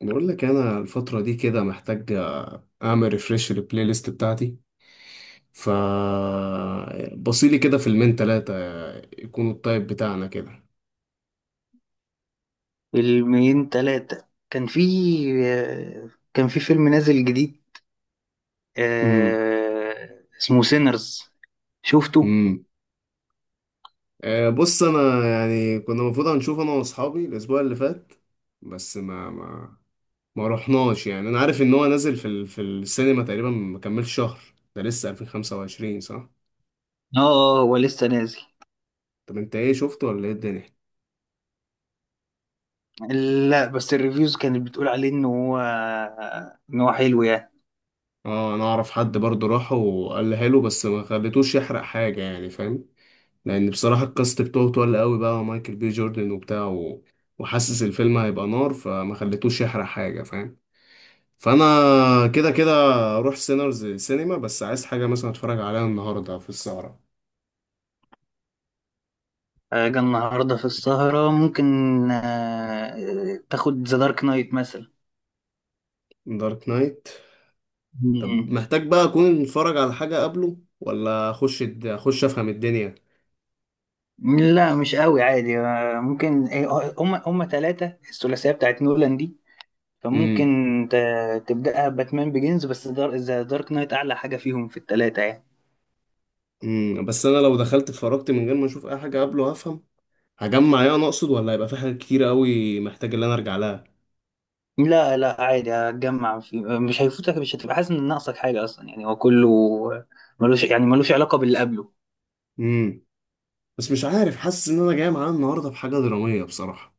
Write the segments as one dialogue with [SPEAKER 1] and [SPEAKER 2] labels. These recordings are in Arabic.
[SPEAKER 1] بقول لك انا الفتره دي كده محتاج، اعمل ريفريش للبلاي ليست بتاعتي. ف بصيلي كده فيلمين تلاتة يكونوا الطيب بتاعنا كده.
[SPEAKER 2] فيلمين تلاتة. كان في كان في فيلم نازل جديد،
[SPEAKER 1] امم.
[SPEAKER 2] اسمه سينرز. شفته؟
[SPEAKER 1] امم. بص، انا يعني كنا المفروض هنشوف انا واصحابي الاسبوع اللي فات، بس ما ما رحناش. يعني انا عارف ان هو نازل في في السينما تقريبا ما كملش شهر. ده لسه 2025 صح؟
[SPEAKER 2] اه، هو لسه نازل.
[SPEAKER 1] طب انت ايه، شفته ولا ايه الدنيا؟
[SPEAKER 2] لا بس الريفيوز كانت بتقول عليه ان هو ان هو حلو يعني.
[SPEAKER 1] اه، انا اعرف حد برضه راح وقال له حلو، بس ما خليتوش يحرق حاجه، يعني فاهم. لان بصراحه الكاست بتوعه تقل قوي بقى، ومايكل بي جوردن وبتاع وحاسس الفيلم هيبقى نار، فما خليتوش يحرق حاجه، فاهم. فانا كده كده اروح سينرز سينما، بس عايز حاجه مثلا اتفرج عليها النهارده في السهره.
[SPEAKER 2] جه النهارده في السهرة ممكن. تاخد ذا دارك نايت مثلا.
[SPEAKER 1] دارك نايت؟ طب
[SPEAKER 2] مم.
[SPEAKER 1] محتاج بقى اكون اتفرج على حاجه قبله، ولا اخش اخش افهم الدنيا؟
[SPEAKER 2] لا مش قوي عادي، ممكن. هم ثلاثة، الثلاثية بتاعت نولان دي، فممكن
[SPEAKER 1] امم.
[SPEAKER 2] تبدأها باتمان بيجنز، بس دار ذا دارك نايت أعلى حاجة فيهم في التلاتة يعني.
[SPEAKER 1] امم. بس انا لو دخلت اتفرجت من غير ما اشوف اي حاجه قبله، هفهم؟ هجمع ايه انا اقصد، ولا هيبقى في حاجات كتير قوي محتاج ان انا ارجع لها؟
[SPEAKER 2] لا لا، عادي هتجمع، في مش هيفوتك، مش هتبقى حاسس إن ناقصك حاجة أصلا، يعني هو كله ملوش، يعني ملوش علاقة باللي قبله.
[SPEAKER 1] امم. بس مش عارف، حاسس ان انا جاي معاه النهارده بحاجه دراميه بصراحه.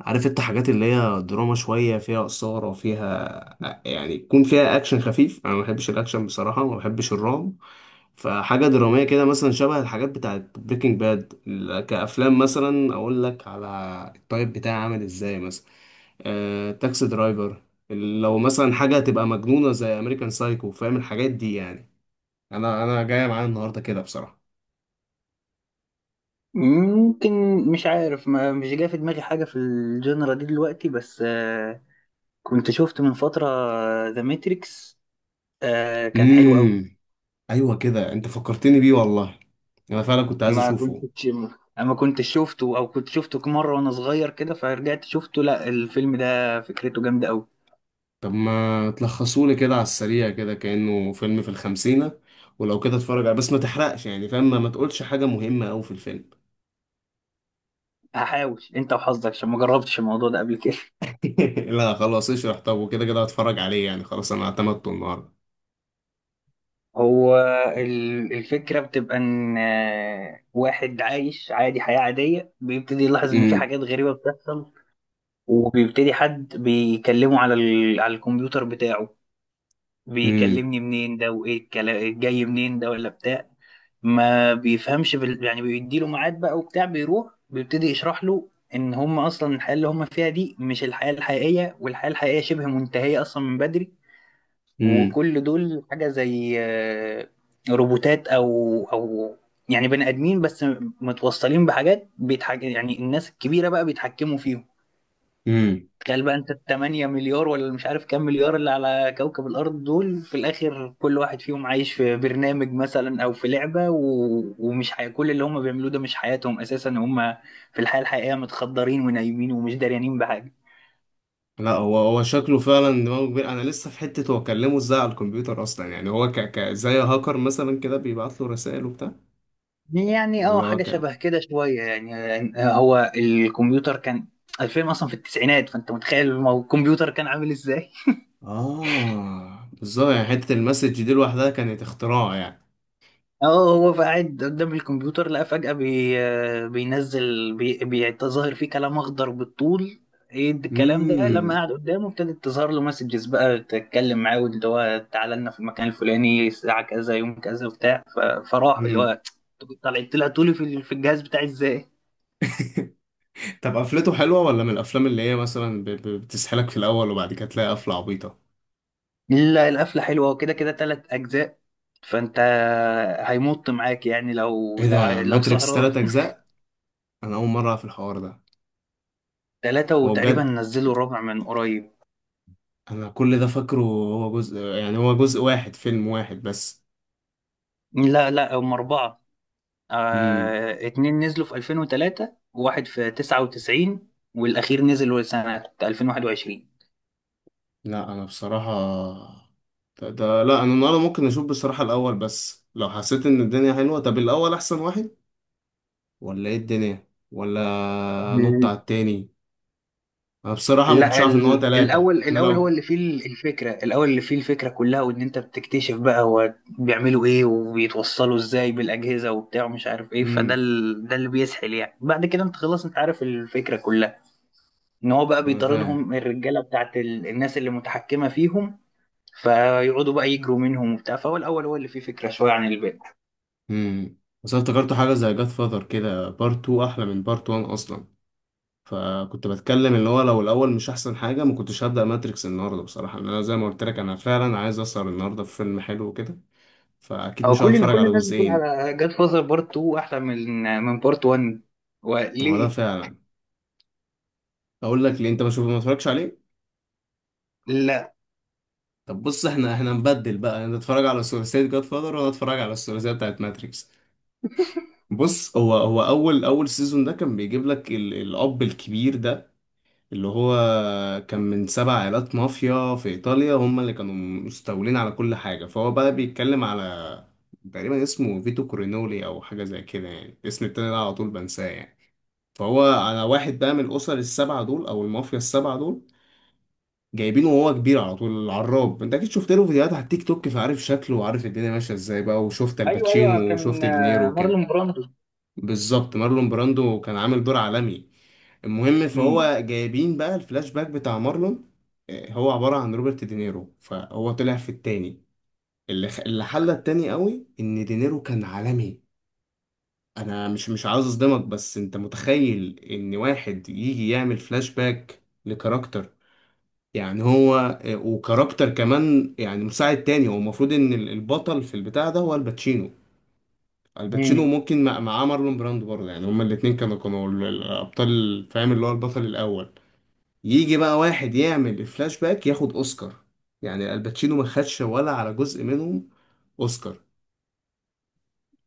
[SPEAKER 1] عارف انت، حاجات اللي هي دراما شويه، فيها اثاره، فيها يعني، يكون فيها اكشن خفيف. انا ما بحبش الاكشن بصراحه، ما بحبش الرعب. فحاجه دراميه كده، مثلا شبه الحاجات بتاعت بريكنج باد. كافلام مثلا اقول لك على التايب بتاعي عامل ازاي، مثلا تاكسي درايفر. لو مثلا حاجه تبقى مجنونه زي امريكان سايكو، فاهم الحاجات دي يعني. انا جايه معايا النهارده كده بصراحه.
[SPEAKER 2] ممكن. مش عارف، ما مش جاي في دماغي حاجة في الجنرا دي دلوقتي، بس كنت شفت من فترة ذا ماتريكس، كان حلو أوي.
[SPEAKER 1] امم. ايوه كده، انت فكرتني بيه والله. انا فعلا كنت عايز
[SPEAKER 2] ما
[SPEAKER 1] اشوفه.
[SPEAKER 2] كنتش ما كنتش شفته، أو كنت شفته مرة وأنا صغير كده، فرجعت شفته. لا الفيلم ده فكرته جامدة أوي.
[SPEAKER 1] طب ما تلخصولي كده على السريع كده، كأنه فيلم في الخمسينة، ولو كده اتفرج عليه. بس ما تحرقش يعني فاهم، ما تقولش حاجة مهمة أوي في الفيلم.
[SPEAKER 2] هحاول، انت وحظك عشان ما جربتش الموضوع ده قبل كده.
[SPEAKER 1] لا خلاص اشرح، طب وكده كده هتفرج عليه يعني، خلاص انا اعتمدته النهارده.
[SPEAKER 2] هو الفكره بتبقى ان واحد عايش عادي حياه عاديه، بيبتدي يلاحظ ان في
[SPEAKER 1] امم.
[SPEAKER 2] حاجات غريبه بتحصل، وبيبتدي حد بيكلمه على على الكمبيوتر بتاعه.
[SPEAKER 1] امم.
[SPEAKER 2] بيكلمني منين ده، وايه الكلام جاي منين ده ولا بتاع، ما بيفهمش يعني. بيديله ميعاد بقى وبتاع، بيروح بيبتدي يشرح له ان هم اصلا الحياه اللي هم فيها دي مش الحياه الحقيقيه، والحياه الحقيقيه شبه منتهيه اصلا من بدري،
[SPEAKER 1] امم.
[SPEAKER 2] وكل دول حاجة زي روبوتات، أو يعني بني آدمين بس متوصلين بحاجات يعني الناس الكبيرة بقى بيتحكموا فيهم.
[SPEAKER 1] امم.
[SPEAKER 2] تخيل بقى أنت التمانية مليار، ولا مش عارف كام مليار اللي على كوكب الأرض دول، في الآخر كل واحد فيهم عايش في برنامج مثلا أو في لعبة كل اللي هم بيعملوه ده مش حياتهم أساسا، هم في الحياة الحقيقية متخدرين ونايمين ومش داريانين بحاجة.
[SPEAKER 1] لا، هو شكله فعلا دماغه كبير. انا لسه في حتة هو كلمه ازاي على الكمبيوتر اصلا؟ يعني هو ك زي هاكر مثلا كده، بيبعت له رسائل وبتاع؟
[SPEAKER 2] يعني اه،
[SPEAKER 1] ولا هو
[SPEAKER 2] حاجة
[SPEAKER 1] ك.
[SPEAKER 2] شبه كده شوية، هو الكمبيوتر كان الفيلم أصلا في التسعينات، فأنت متخيل الكمبيوتر كان عامل إزاي؟
[SPEAKER 1] اه بالظبط، يعني حتة المسج دي لوحدها كانت اختراع يعني.
[SPEAKER 2] اه هو قاعد قدام الكمبيوتر لقى فجأة بي آه، بينزل، بيتظاهر فيه كلام أخضر بالطول. ايه ده الكلام ده؟ لما
[SPEAKER 1] امم.
[SPEAKER 2] قعد قدامه ابتدت تظهر له مسجز بقى تتكلم معاه، واللي هو تعالى لنا في المكان الفلاني الساعة كذا يوم كذا وبتاع، فراح اللي
[SPEAKER 1] امم.
[SPEAKER 2] هو طلع طولي في الجهاز بتاعي ازاي.
[SPEAKER 1] طب قفلته حلوة، ولا من الافلام اللي هي مثلا بتسحلك في الاول وبعد كده تلاقي قفلة عبيطة؟
[SPEAKER 2] لا القفلة حلوة، وكده كده تلات أجزاء، فأنت هيمط معاك يعني لو
[SPEAKER 1] ايه ده،
[SPEAKER 2] لو
[SPEAKER 1] ماتريكس
[SPEAKER 2] سهران.
[SPEAKER 1] تلات اجزاء؟ انا اول مرة في الحوار ده.
[SPEAKER 2] تلاتة،
[SPEAKER 1] هو
[SPEAKER 2] وتقريبا
[SPEAKER 1] بجد؟
[SPEAKER 2] نزلوا الرابع من قريب.
[SPEAKER 1] انا كل ده فاكره هو جزء، يعني هو جزء واحد، فيلم واحد بس.
[SPEAKER 2] لا لا، هم أربعة.
[SPEAKER 1] امم.
[SPEAKER 2] آه اتنين نزلوا في 2003، وواحد في 99، والأخير نزل سنة 2021.
[SPEAKER 1] لا انا بصراحة، ده, ده لا انا النهارده ممكن اشوف بصراحة الاول، بس لو حسيت ان الدنيا حلوة. طب الاول احسن واحد، ولا ايه الدنيا، ولا نط على التاني؟ انا بصراحة ما كنتش
[SPEAKER 2] لا
[SPEAKER 1] عارف ان هو تلاتة احنا
[SPEAKER 2] الاول هو
[SPEAKER 1] لو.
[SPEAKER 2] اللي فيه الفكره، الاول اللي فيه الفكره كلها، وان انت بتكتشف بقى هو بيعملوا ايه وبيتوصلوا ازاي بالاجهزه وبتاع ومش عارف ايه، فده
[SPEAKER 1] امم.
[SPEAKER 2] ده اللي بيسحل يعني. بعد كده انت خلاص انت عارف الفكره كلها، ان هو بقى
[SPEAKER 1] انا فاهم.
[SPEAKER 2] بيطاردهم الرجاله بتاعت الناس اللي متحكمه فيهم، فيقعدوا بقى يجروا منهم وبتاع. فهو الاول هو اللي فيه فكره شويه عن الباقي.
[SPEAKER 1] امم. بس أنا افتكرت حاجة زي جاد فاذر، كده بارت 2 احلى من بارت 1 اصلا. فكنت بتكلم اللي هو لو الاول مش احسن حاجة، ما كنتش هبدأ ماتريكس النهاردة بصراحة. لأن انا زي ما قلت لك، انا فعلا عايز اسهر النهاردة في فيلم حلو كده، فاكيد
[SPEAKER 2] هو
[SPEAKER 1] مش هقعد
[SPEAKER 2] كل ان
[SPEAKER 1] اتفرج
[SPEAKER 2] كل
[SPEAKER 1] على
[SPEAKER 2] الناس بتقول
[SPEAKER 1] جزئين.
[SPEAKER 2] على جاد فازر بارت 2 احلى من بارت 1،
[SPEAKER 1] هو ده
[SPEAKER 2] وليه؟
[SPEAKER 1] فعلا. اقول لك ليه، انت ما شوف ما اتفرجش عليه.
[SPEAKER 2] لا.
[SPEAKER 1] طب بص، احنا نبدل بقى، انت اتفرج على ثلاثية جاد فاذر وانا اتفرج على الثلاثية بتاعت ماتريكس. بص، هو اول سيزون ده كان بيجيب لك الاب الكبير ده، اللي هو كان من سبع عائلات مافيا في ايطاليا هم اللي كانوا مستولين على كل حاجه. فهو بقى بيتكلم على، تقريبا اسمه فيتو كورينولي او حاجه زي كده، يعني الاسم التاني ده على طول بنساه يعني. فهو على واحد بقى من الاسر السبعه دول، او المافيا السبعه دول، جايبينه وهو كبير على طول، العراب. انت اكيد شفت له فيديوهات على التيك توك، فعارف شكله وعارف الدنيا ماشيه ازاي بقى، وشفت
[SPEAKER 2] ايوه ايوه،
[SPEAKER 1] الباتشينو
[SPEAKER 2] كان
[SPEAKER 1] وشفت دينيرو وكده.
[SPEAKER 2] مارلون براندو.
[SPEAKER 1] بالظبط، مارلون براندو كان عامل دور عالمي. المهم،
[SPEAKER 2] امم،
[SPEAKER 1] فهو جايبين بقى الفلاش باك بتاع مارلون، هو عبارة عن روبرت دينيرو، فهو طلع في التاني. اللي اللي حلى التاني قوي ان دينيرو كان عالمي. انا مش عاوز اصدمك، بس انت متخيل ان واحد يجي يعمل فلاش باك لكاركتر؟ يعني هو، وكاركتر كمان يعني مساعد تاني، هو المفروض ان البطل في البتاع ده هو الباتشينو. الباتشينو
[SPEAKER 2] امم.
[SPEAKER 1] ممكن معاه مارلون براندو برضه، يعني هما الاتنين كانوا الأبطال، فاهم، اللي هو البطل الأول. يجي بقى واحد يعمل الفلاش باك ياخد أوسكار؟ يعني الباتشينو ما خدش ولا على جزء منهم أوسكار.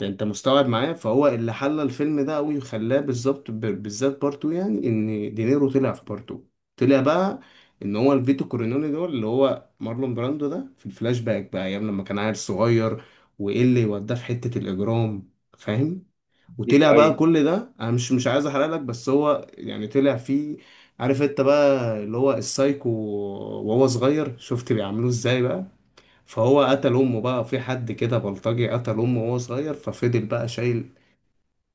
[SPEAKER 1] ده أنت مستوعب معايا. فهو اللي حلى الفيلم ده أوي وخلاه بالظبط، بالذات بارتو، يعني إن دينيرو طلع في بارتو. طلع بقى إن هو الفيتو كورينوني دول، اللي هو مارلون براندو ده، في الفلاش باك بقى أيام لما كان عيل صغير، وإيه اللي وداه في حتة الإجرام، فاهم.
[SPEAKER 2] ايوه
[SPEAKER 1] وطلع بقى
[SPEAKER 2] ايوه.
[SPEAKER 1] كل ده، انا مش عايز احرق لك، بس هو يعني طلع فيه. عارف انت بقى، اللي هو السايكو وهو صغير، شفت بيعملوه ازاي بقى. فهو قتل امه بقى، في حد كده بلطجي قتل امه وهو صغير، ففضل بقى شايل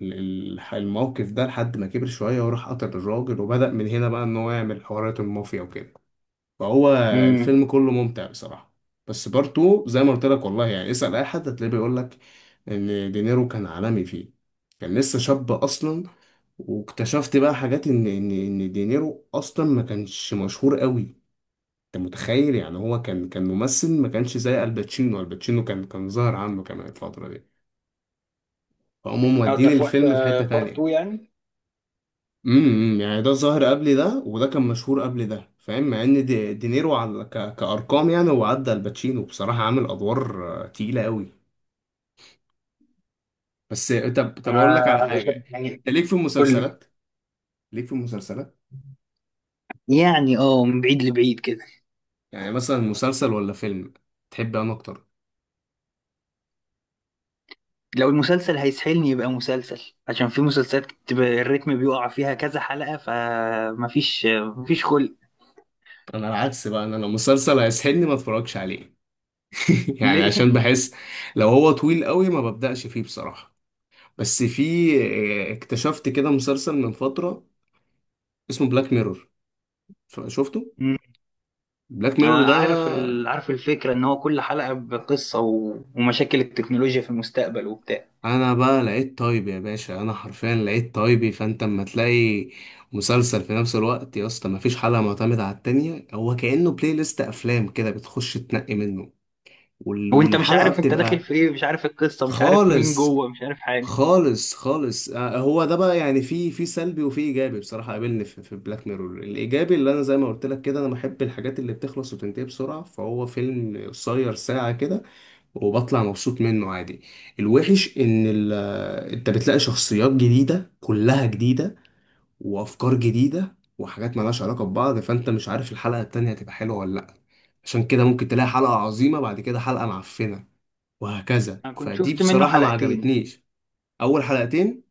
[SPEAKER 1] الموقف ده لحد ما كبر شوية وراح قتل الراجل، وبدأ من هنا بقى ان هو يعمل حوارات المافيا وكده. فهو
[SPEAKER 2] امم.
[SPEAKER 1] الفيلم كله ممتع بصراحة. بس بارتو زي ما قلت لك والله، يعني اسأل أي حد هتلاقيه بيقول لك إن دينيرو كان عالمي فيه، كان لسه شاب أصلا. واكتشفت بقى حاجات، إن دينيرو أصلا ما كانش مشهور قوي. أنت متخيل؟ يعني هو كان ممثل ما كانش زي الباتشينو. الباتشينو كان ظاهر عنه كمان الفترة دي، فهم
[SPEAKER 2] اه ده
[SPEAKER 1] مودين
[SPEAKER 2] في وقت
[SPEAKER 1] الفيلم في حتة
[SPEAKER 2] بارت 2
[SPEAKER 1] تانية.
[SPEAKER 2] يعني.
[SPEAKER 1] امم، يعني ده ظاهر قبل ده وده كان مشهور قبل ده، فاهم، مع ان دينيرو على كارقام يعني هو عدى الباتشينو بصراحه، عامل ادوار تقيله قوي. بس طب اقول لك على
[SPEAKER 2] عارف
[SPEAKER 1] حاجه،
[SPEAKER 2] يعني.
[SPEAKER 1] انت ليك في
[SPEAKER 2] قول لي.
[SPEAKER 1] المسلسلات؟ ليك في المسلسلات؟
[SPEAKER 2] يعني اه، من بعيد لبعيد كده.
[SPEAKER 1] يعني مثلا مسلسل ولا فيلم تحب انا اكتر؟
[SPEAKER 2] لو المسلسل هيسحلني يبقى مسلسل، عشان في مسلسلات بتبقى الريتم بيقع فيها كذا حلقة فمفيش، خلق.
[SPEAKER 1] انا العكس بقى، انا لو مسلسل هيسحلني ما اتفرجش عليه. يعني
[SPEAKER 2] ليه؟
[SPEAKER 1] عشان بحس لو هو طويل قوي ما ببداش فيه بصراحه. بس في، اكتشفت كده مسلسل من فتره اسمه بلاك ميرور، شفته؟
[SPEAKER 2] مم.
[SPEAKER 1] بلاك ميرور ده،
[SPEAKER 2] عارف عارف الفكرة ان هو كل حلقة بقصة ومشاكل التكنولوجيا في المستقبل وبتاع،
[SPEAKER 1] انا بقى لقيت طيب يا باشا، انا حرفيا لقيت طيبي. فانت اما تلاقي مسلسل في نفس الوقت يا اسطى مفيش حلقه معتمده على التانية، هو كانه بلاي ليست افلام كده بتخش تنقي منه،
[SPEAKER 2] وانت مش
[SPEAKER 1] والحلقه
[SPEAKER 2] عارف انت داخل
[SPEAKER 1] بتبقى
[SPEAKER 2] في ايه، مش عارف القصة، مش عارف مين
[SPEAKER 1] خالص.
[SPEAKER 2] جوه، مش عارف حاجة.
[SPEAKER 1] خالص، خالص، هو ده بقى يعني، في في سلبي وفي ايجابي بصراحه. قابلني في بلاك ميرور الايجابي اللي انا زي ما قلت لك كده، انا بحب الحاجات اللي بتخلص وتنتهي بسرعه، فهو فيلم قصير ساعه كده، وبطلع مبسوط منه عادي. الوحش ان انت بتلاقي شخصيات جديدة، كلها جديدة، وافكار جديدة وحاجات مالهاش علاقة ببعض، فانت مش عارف الحلقة التانية هتبقى حلوة ولا لا. عشان كده ممكن تلاقي حلقة عظيمة بعد كده حلقة معفنة، وهكذا.
[SPEAKER 2] انا كنت
[SPEAKER 1] فدي
[SPEAKER 2] شفت منه
[SPEAKER 1] بصراحة ما
[SPEAKER 2] حلقتين.
[SPEAKER 1] عجبتنيش. اول حلقتين.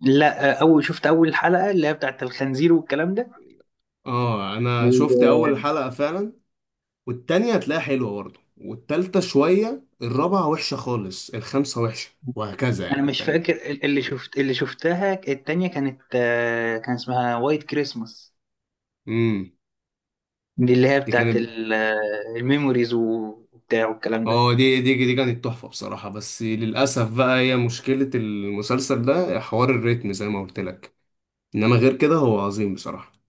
[SPEAKER 2] لا اول حلقه اللي هي بتاعت الخنزير والكلام ده.
[SPEAKER 1] اه انا شفت اول
[SPEAKER 2] وانا
[SPEAKER 1] حلقة فعلا. والتانية هتلاقيها حلوة برضه، والتالتة شوية، الرابعة وحشة خالص، الخامسة وحشة وهكذا، يعني
[SPEAKER 2] مش
[SPEAKER 1] فاهم.
[SPEAKER 2] فاكر اللي شفتها، التانية كانت كان اسمها وايت كريسماس.
[SPEAKER 1] امم.
[SPEAKER 2] دي اللي هي
[SPEAKER 1] دي
[SPEAKER 2] بتاعت
[SPEAKER 1] كانت.
[SPEAKER 2] الميموريز وبتاع والكلام ده.
[SPEAKER 1] اه دي، دي كانت تحفة بصراحة. بس للأسف بقى هي مشكلة المسلسل ده، حوار الريتم زي ما قلت لك. إنما غير كده هو عظيم بصراحة.